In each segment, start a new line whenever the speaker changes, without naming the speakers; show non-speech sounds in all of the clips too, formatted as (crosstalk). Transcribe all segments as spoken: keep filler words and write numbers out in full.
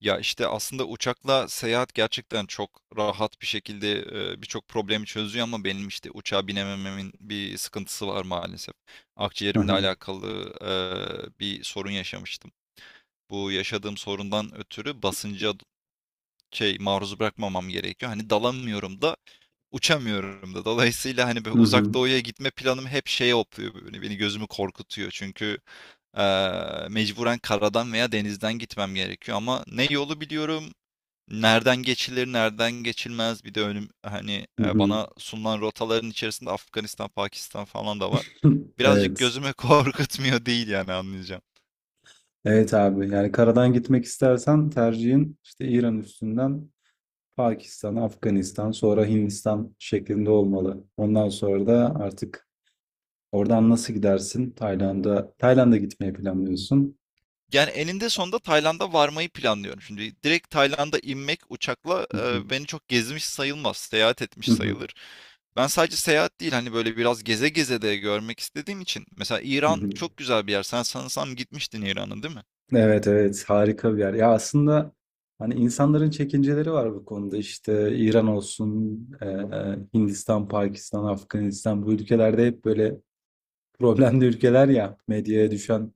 Ya, işte, aslında uçakla seyahat gerçekten çok rahat bir şekilde, eee, birçok problemi çözüyor ama benim, işte, uçağa binemememin bir sıkıntısı var maalesef.
Hı
Akciğerimle
hı.
alakalı, eee, bir sorun yaşamıştım. Bu yaşadığım sorundan ötürü basınca şey, maruz bırakmamam gerekiyor. Hani, dalamıyorum da, uçamıyorum da. Dolayısıyla, hani, böyle
Hı
Uzak
hı.
Doğu'ya gitme planım hep şeye hopluyor, böyle, beni gözümü korkutuyor. Çünkü, eee, mecburen karadan veya denizden gitmem gerekiyor ama ne yolu biliyorum, nereden geçilir, nereden geçilmez bir de önüm hani
Hı
e,
hı.
bana sunulan rotaların içerisinde Afganistan, Pakistan falan da var.
(laughs)
Birazcık
Evet.
gözüme (laughs) korkutmuyor değil yani anlayacağım.
Evet abi. Yani karadan gitmek istersen tercihin işte İran üstünden Pakistan, Afganistan, sonra Hindistan şeklinde olmalı. Ondan sonra da artık oradan nasıl gidersin? Tayland'a Tayland'a gitmeyi planlıyorsun.
Yani eninde sonunda Tayland'a varmayı planlıyorum. Şimdi direkt Tayland'a inmek uçakla
Hı hı.
e, beni çok gezmiş sayılmaz, seyahat
Hı
etmiş
hı.
sayılır. Ben sadece seyahat değil hani böyle biraz geze geze de görmek istediğim için. Mesela
Hı
İran
hı.
çok güzel bir yer. Sen sanırsam gitmiştin İran'a, değil mi?
Evet evet, harika bir yer. Ya aslında hani insanların çekinceleri var bu konuda. İşte İran olsun, e, e, Hindistan, Pakistan, Afganistan bu ülkelerde hep böyle problemli ülkeler ya. Medyaya düşen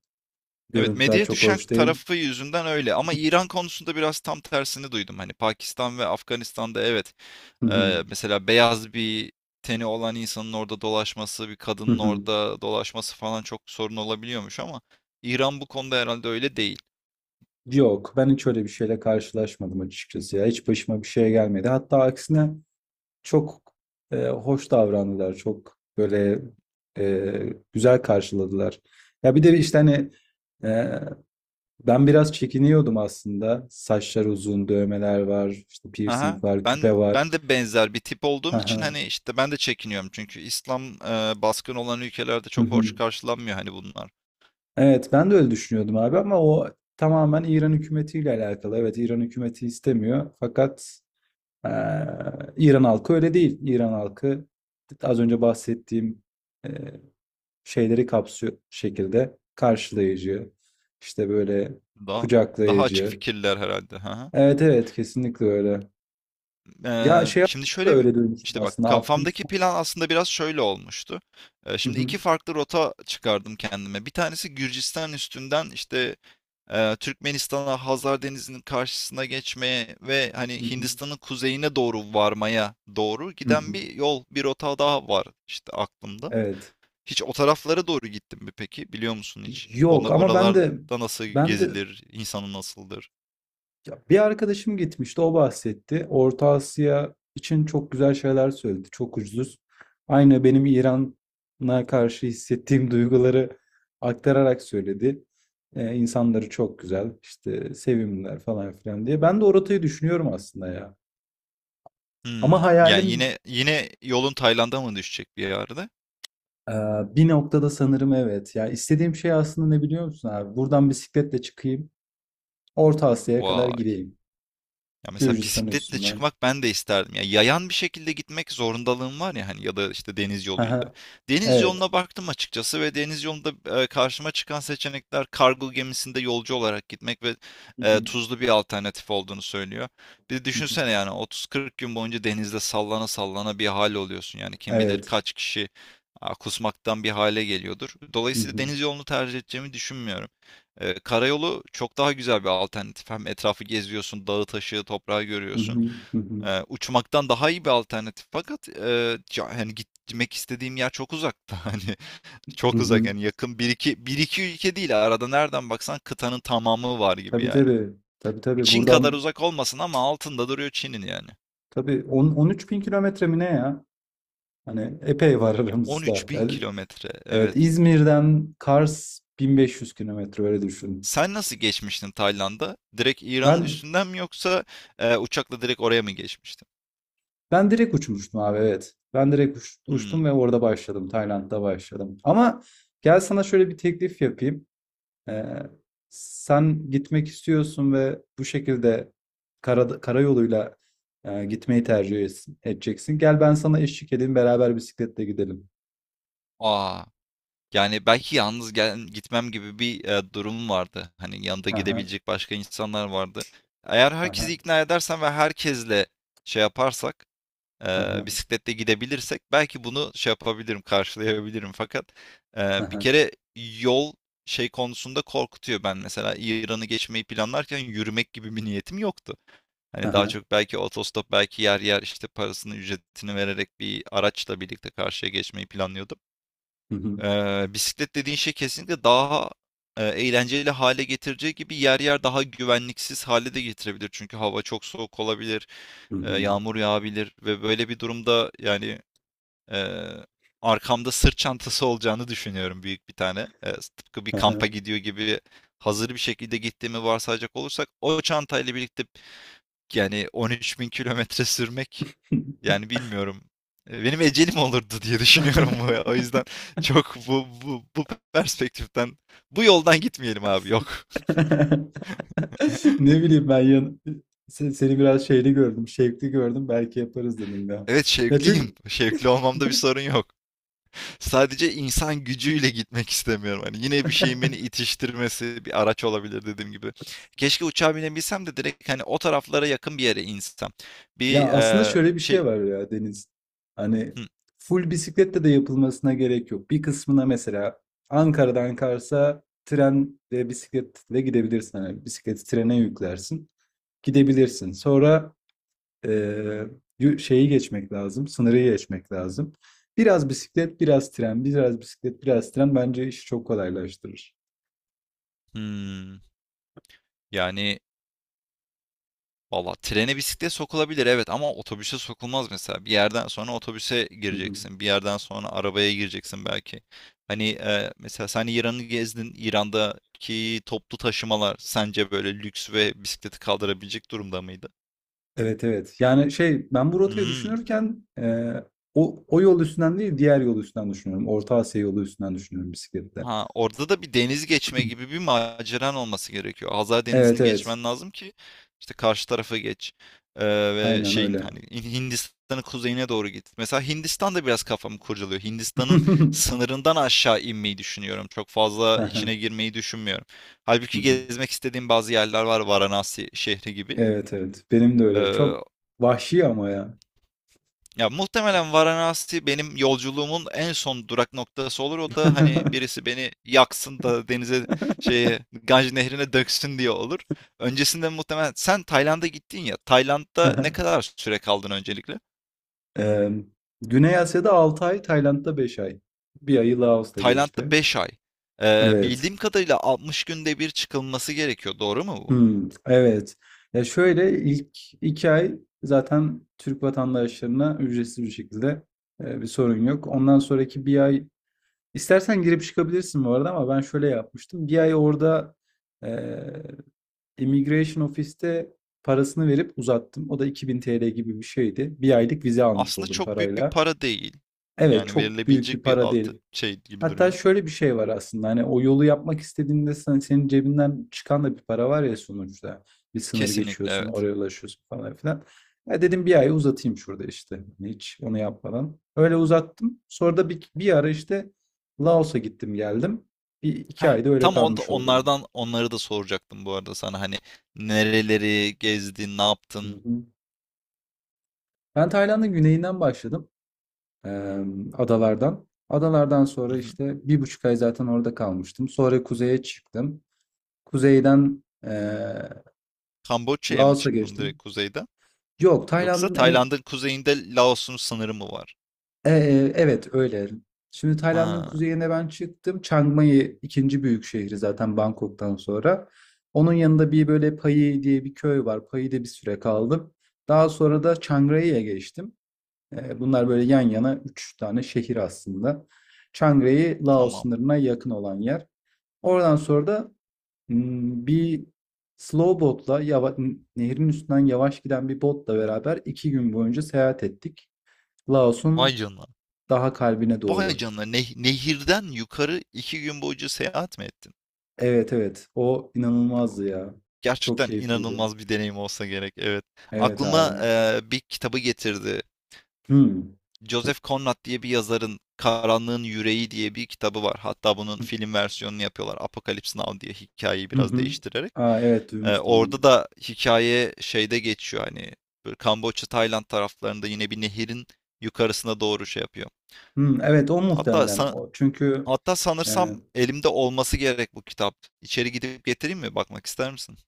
Evet,
görüntüler
medyaya
çok
düşen
hoş değil.
tarafı yüzünden öyle ama İran konusunda biraz tam tersini duydum. Hani Pakistan ve Afganistan'da evet,
Hı hı.
eee, mesela beyaz bir teni olan insanın orada dolaşması, bir
Hı
kadının
hı.
orada dolaşması falan çok sorun olabiliyormuş ama İran bu konuda herhalde öyle değil.
Yok, ben hiç öyle bir şeyle karşılaşmadım açıkçası ya. Hiç başıma bir şey gelmedi. Hatta aksine çok e, hoş davrandılar. Çok böyle e, güzel karşıladılar. Ya bir de işte hani e, ben biraz çekiniyordum aslında. Saçlar uzun, dövmeler var, işte piercing
Aha.
var,
Ben
küpe var.
ben de benzer bir tip
Hı
olduğum için
hı.
hani işte ben de çekiniyorum çünkü İslam eee, baskın olan ülkelerde
Hı
çok hoş
hı.
karşılanmıyor hani bunlar.
Evet, ben de öyle düşünüyordum abi ama o tamamen İran hükümetiyle alakalı. Evet, İran hükümeti istemiyor fakat eee, İran halkı öyle değil. İran halkı az önce bahsettiğim eee, şeyleri kapsıyor şekilde karşılayıcı, işte böyle
Daha daha açık
kucaklayıcı.
fikirler herhalde. Hı hı.
Evet evet, kesinlikle öyle. Ya
Eee,
şey
şimdi
da
şöyle bir
öyle duymuştum
işte bak
aslında,
kafamdaki
Afganistan.
plan aslında biraz şöyle olmuştu. Eee,
Hı
şimdi
hı,
iki farklı rota çıkardım kendime. Bir tanesi Gürcistan üstünden işte, eee, Türkmenistan'a, Hazar Denizi'nin karşısına geçmeye ve hani
hı hı,
Hindistan'ın kuzeyine doğru varmaya doğru
hı
giden
hı.
bir yol, bir rota daha var işte aklımda.
Evet.
Hiç o taraflara doğru gittin mi peki? Biliyor musun hiç? Onlar
Yok, ama ben de
oralarda nasıl
ben de
gezilir? İnsanı nasıldır?
ya, bir arkadaşım gitmişti, o bahsetti. Orta Asya için çok güzel şeyler söyledi. Çok ucuz. Aynı benim İran'a karşı hissettiğim (laughs) duyguları aktararak söyledi. Ee, insanları çok güzel, işte sevimliler falan filan diye. Ben de o rotayı düşünüyorum aslında ya. Ama
Hımm. Yani
hayalim
yine yine yolun Tayland'a mı düşecek bir yerde?
e, bir noktada sanırım, evet. Ya istediğim şey aslında ne biliyor musun abi? Buradan bisikletle çıkayım, Orta Asya'ya kadar
Vay.
gideyim.
Ya mesela
Gürcistan
bisikletle
üstünden.
çıkmak ben de isterdim. Ya yayan bir şekilde gitmek zorundalığım var ya hani ya da işte deniz yoluyla.
Aha,
Deniz
evet.
yoluna baktım açıkçası ve deniz yolunda e, karşıma çıkan seçenekler kargo gemisinde yolcu olarak gitmek ve
Hı
e,
hı,
tuzlu bir alternatif olduğunu söylüyor. Bir de
hı hı.
düşünsene yani otuz kırk gün boyunca denizde sallana sallana bir hal oluyorsun. Yani kim bilir
Evet.
kaç kişi a, kusmaktan bir hale geliyordur.
Hı
Dolayısıyla
hı.
deniz yolunu tercih edeceğimi düşünmüyorum. Ee, karayolu çok daha güzel bir alternatif. Hem etrafı geziyorsun, dağı taşı, toprağı
Hı hı.
görüyorsun.
Hı hı.
Ee, uçmaktan daha iyi bir alternatif. Fakat e, ca- hani gitmek istediğim yer çok uzakta. (laughs) Hani
Hı
çok uzak
hı.
yani yakın bir iki, bir iki ülke değil. Arada nereden baksan kıtanın tamamı var gibi
Tabii
yani.
tabii. Tabii tabii.
Çin
Buradan
kadar uzak olmasın ama altında duruyor Çin'in yani.
tabii on on üç bin kilometre mi ne ya? Hani epey var (laughs) aramızda.
on üç bin
Yani,
kilometre.
evet,
Evet.
İzmir'den Kars bin beş yüz kilometre, öyle düşün.
Sen nasıl geçmiştin Tayland'a? Direkt İran'ın
Ben
üstünden mi yoksa e, uçakla direkt oraya mı geçmiştin?
ben direkt uçmuştum abi, evet. Ben direkt uç-
Hmm.
uçtum ve orada başladım. Tayland'da başladım. Ama gel sana şöyle bir teklif yapayım. Ee, sen gitmek istiyorsun ve bu şekilde kara, karayoluyla e, gitmeyi tercih es- edeceksin. Gel, ben sana eşlik edeyim, beraber bisikletle gidelim.
Aa, yani, belki yalnız gel gitmem gibi bir, eee, durumum vardı. Hani, yanında
Aha,
gidebilecek başka insanlar vardı. Eğer herkesi
aha,
ikna edersem ve herkesle şey yaparsak, eee,
aha,
bisikletle gidebilirsek belki bunu şey yapabilirim, karşılayabilirim. Fakat, eee, bir
aha,
kere yol şey konusunda korkutuyor. Ben mesela İran'ı geçmeyi planlarken yürümek gibi bir niyetim yoktu. Hani, daha
aha,
çok belki otostop, belki yer yer, işte, parasını, ücretini vererek bir araçla birlikte karşıya geçmeyi planlıyordum.
hı hı,
Ee, bisiklet dediğin şey kesinlikle daha e, eğlenceli hale getireceği gibi yer yer daha güvenliksiz hale de getirebilir. Çünkü hava çok soğuk olabilir,
hı
e,
hı,
yağmur yağabilir ve böyle bir durumda yani e, arkamda sırt çantası olacağını düşünüyorum büyük bir tane. E, tıpkı bir kampa
aha.
gidiyor gibi hazır bir şekilde gittiğimi varsayacak olursak o çantayla birlikte yani on üç bin kilometre sürmek yani bilmiyorum. Eee, benim ecelim olurdu diye (laughs) düşünüyorum bu. Ya.
(laughs)
O yüzden çok bu bu bu perspektiften, bu yoldan gitmeyelim abi, yok. (laughs)
Ne bileyim, ben yan, se- seni biraz şeyli gördüm, şevkli gördüm. Belki yaparız dedim ya.
Evet,
Ya,
şevkliyim.
çünkü
Şevkli olmamda bir sorun yok. Sadece insan gücüyle gitmek istemiyorum. Hani yine bir şeyin beni
(laughs)
itiştirmesi bir araç olabilir dediğim gibi. Keşke uçağa binebilsem de direkt hani o taraflara yakın bir yere insem. Bir
ya aslında
eee,
şöyle bir
şey
şey var ya, Deniz. Hani
Hı,
full bisikletle de yapılmasına gerek yok. Bir kısmına mesela Ankara'dan Kars'a tren ve bisikletle gidebilirsin. Hani bisikleti trene yüklersin. Gidebilirsin. Sonra eee, yu- şeyi geçmek lazım. Sınırı geçmek lazım. Biraz bisiklet, biraz tren, biraz bisiklet, biraz tren, bence işi çok kolaylaştırır.
hmm, yani Valla trene bisiklet sokulabilir evet ama otobüse sokulmaz mesela. Bir yerden sonra otobüse gireceksin. Bir yerden sonra arabaya gireceksin belki. Hani e, mesela sen İran'ı gezdin. İran'daki toplu taşımalar sence böyle lüks ve bisikleti kaldırabilecek durumda mıydı?
Evet evet. Yani şey ben bu rotayı
Hmm.
düşünürken e, o, o yol üstünden değil, diğer yol üstünden düşünüyorum. Orta Asya yolu üstünden düşünüyorum bisiklette.
Ha, orada da bir deniz geçme gibi bir maceran olması gerekiyor. Hazar
Evet
Denizi'ni
evet.
geçmen lazım ki işte karşı tarafa geç. Ee, Ve
Aynen
şeyin
öyle.
hani Hin- Hindistan'ın kuzeyine doğru git. Mesela Hindistan da biraz kafamı kurcalıyor. Hindistan'ın
(laughs)
sınırından aşağı inmeyi düşünüyorum. Çok fazla
Aha,
içine girmeyi düşünmüyorum.
hı
Halbuki
hı.
gezmek istediğim bazı yerler var. Varanasi şehri gibi.
Evet evet. Benim de öyle.
Ee,
Çok vahşi ama ya.
Ya muhtemelen Varanasi benim yolculuğumun en son durak noktası olur. O da hani
(laughs)
birisi beni yaksın da denize şeye Ganj nehrine döksün diye olur. Öncesinde muhtemelen sen Tayland'a gittin ya. Tayland'da ne
Aha.
kadar süre kaldın öncelikle?
Ee, Güney Asya'da altı ay, Tayland'da beş ay. Bir ayı Laos'ta
Tayland'da
geçti.
beş ay. Ee,
Evet.
bildiğim kadarıyla altmış günde bir çıkılması gerekiyor. Doğru mu bu?
Hımm, evet. Ya, şöyle, ilk iki ay zaten Türk vatandaşlarına ücretsiz bir şekilde, eee, bir sorun yok. Ondan sonraki bir ay istersen girip çıkabilirsin bu arada, ama ben şöyle yapmıştım. Bir ay orada, eee, immigration ofiste parasını verip uzattım. O da ₺ 2000 gibi bir şeydi. Bir aylık vize almış
Aslında
oldum
çok büyük bir
parayla.
para değil.
Evet,
Yani
çok büyük bir
verilebilecek bir
para değil.
altı şey gibi
Hatta
duruyor.
şöyle bir şey var aslında, hani o yolu yapmak istediğinde sen, senin cebinden çıkan da bir para var ya sonuçta. Bir sınır
Kesinlikle
geçiyorsun,
evet.
oraya ulaşıyorsun, falan filan. Ya dedim bir ay uzatayım şurada işte, hani hiç onu yapmadan. Öyle uzattım. Sonra da bir, bir ara işte Laos'a gittim geldim. Bir iki
Heh,
ayda öyle
tam on,
kalmış oldum.
onlardan onları da soracaktım bu arada sana hani nereleri gezdin, ne
Hı
yaptın?
hı. Ben Tayland'ın güneyinden başladım. Ee, adalardan. Adalardan
Hı
sonra
hı.
işte bir buçuk ay zaten orada kalmıştım. Sonra kuzeye çıktım. Kuzeyden
Kamboçya'ya mı
Laos'a
çıktın direkt
geçtim.
kuzeyden?
Yok,
Yoksa
Tayland'ın en-
Tayland'ın kuzeyinde Laos'un sınırı mı var?
e, e, evet, öyle. Şimdi Tayland'ın
Ha,
kuzeyine ben çıktım. Chiang Mai ikinci büyük şehri zaten Bangkok'tan sonra. Onun yanında bir böyle Pai diye bir köy var. Pai'de bir süre kaldım. Daha sonra da Chiang Rai'ye geçtim. E, bunlar böyle yan yana üç tane şehir aslında. Chiang Rai, Laos
tamam.
sınırına yakın olan yer. Oradan sonra da Hmm, Bir slow botla, yava- n- nehrin üstünden yavaş giden bir botla beraber iki gün boyunca seyahat ettik.
Vay
Laos'un
canına.
daha kalbine
Vay
doğru.
canına. Neh- nehirden yukarı iki gün boyunca seyahat mi ettin?
Evet evet, o inanılmazdı ya. Çok
Gerçekten
keyifliydi.
inanılmaz bir deneyim olsa gerek. Evet.
Evet abi.
Aklıma eee, bir kitabı getirdi.
Hmm.
Joseph Conrad diye bir yazarın Karanlığın Yüreği diye bir kitabı var. Hatta bunun film versiyonunu yapıyorlar. Apocalypse Now diye hikayeyi
Hı
biraz
hı.
değiştirerek.
Aa, evet,
Ee,
duymuştum onu.
orada da hikaye şeyde geçiyor hani böyle Kamboçya, Tayland taraflarında yine bir nehirin yukarısına doğru şey yapıyor.
Hmm, evet, o
Hatta
muhtemelen
san-
o. Çünkü
Hatta
e,
sanırsam elimde olması gerek bu kitap. İçeri gidip getireyim mi? Bakmak ister misin?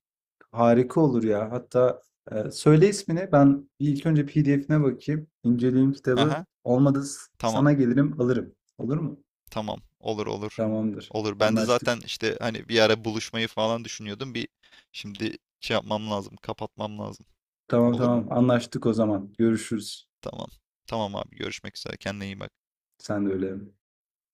harika olur ya. Hatta e, söyle ismini. Ben bir ilk önce P D F'ine bakayım. İnceleyeyim kitabı.
Aha,
Olmadı s-
tamam.
sana gelirim alırım. Olur mu?
Tamam. Olur, olur.
Tamamdır.
Olur. Ben de
Anlaştık.
zaten işte hani bir ara buluşmayı falan düşünüyordum. Bir şimdi şey yapmam lazım. Kapatmam lazım.
Tamam
Olur mu?
tamam. Anlaştık o zaman. Görüşürüz.
Tamam. Tamam abi. Görüşmek üzere. Kendine iyi bak.
Sen de öyle.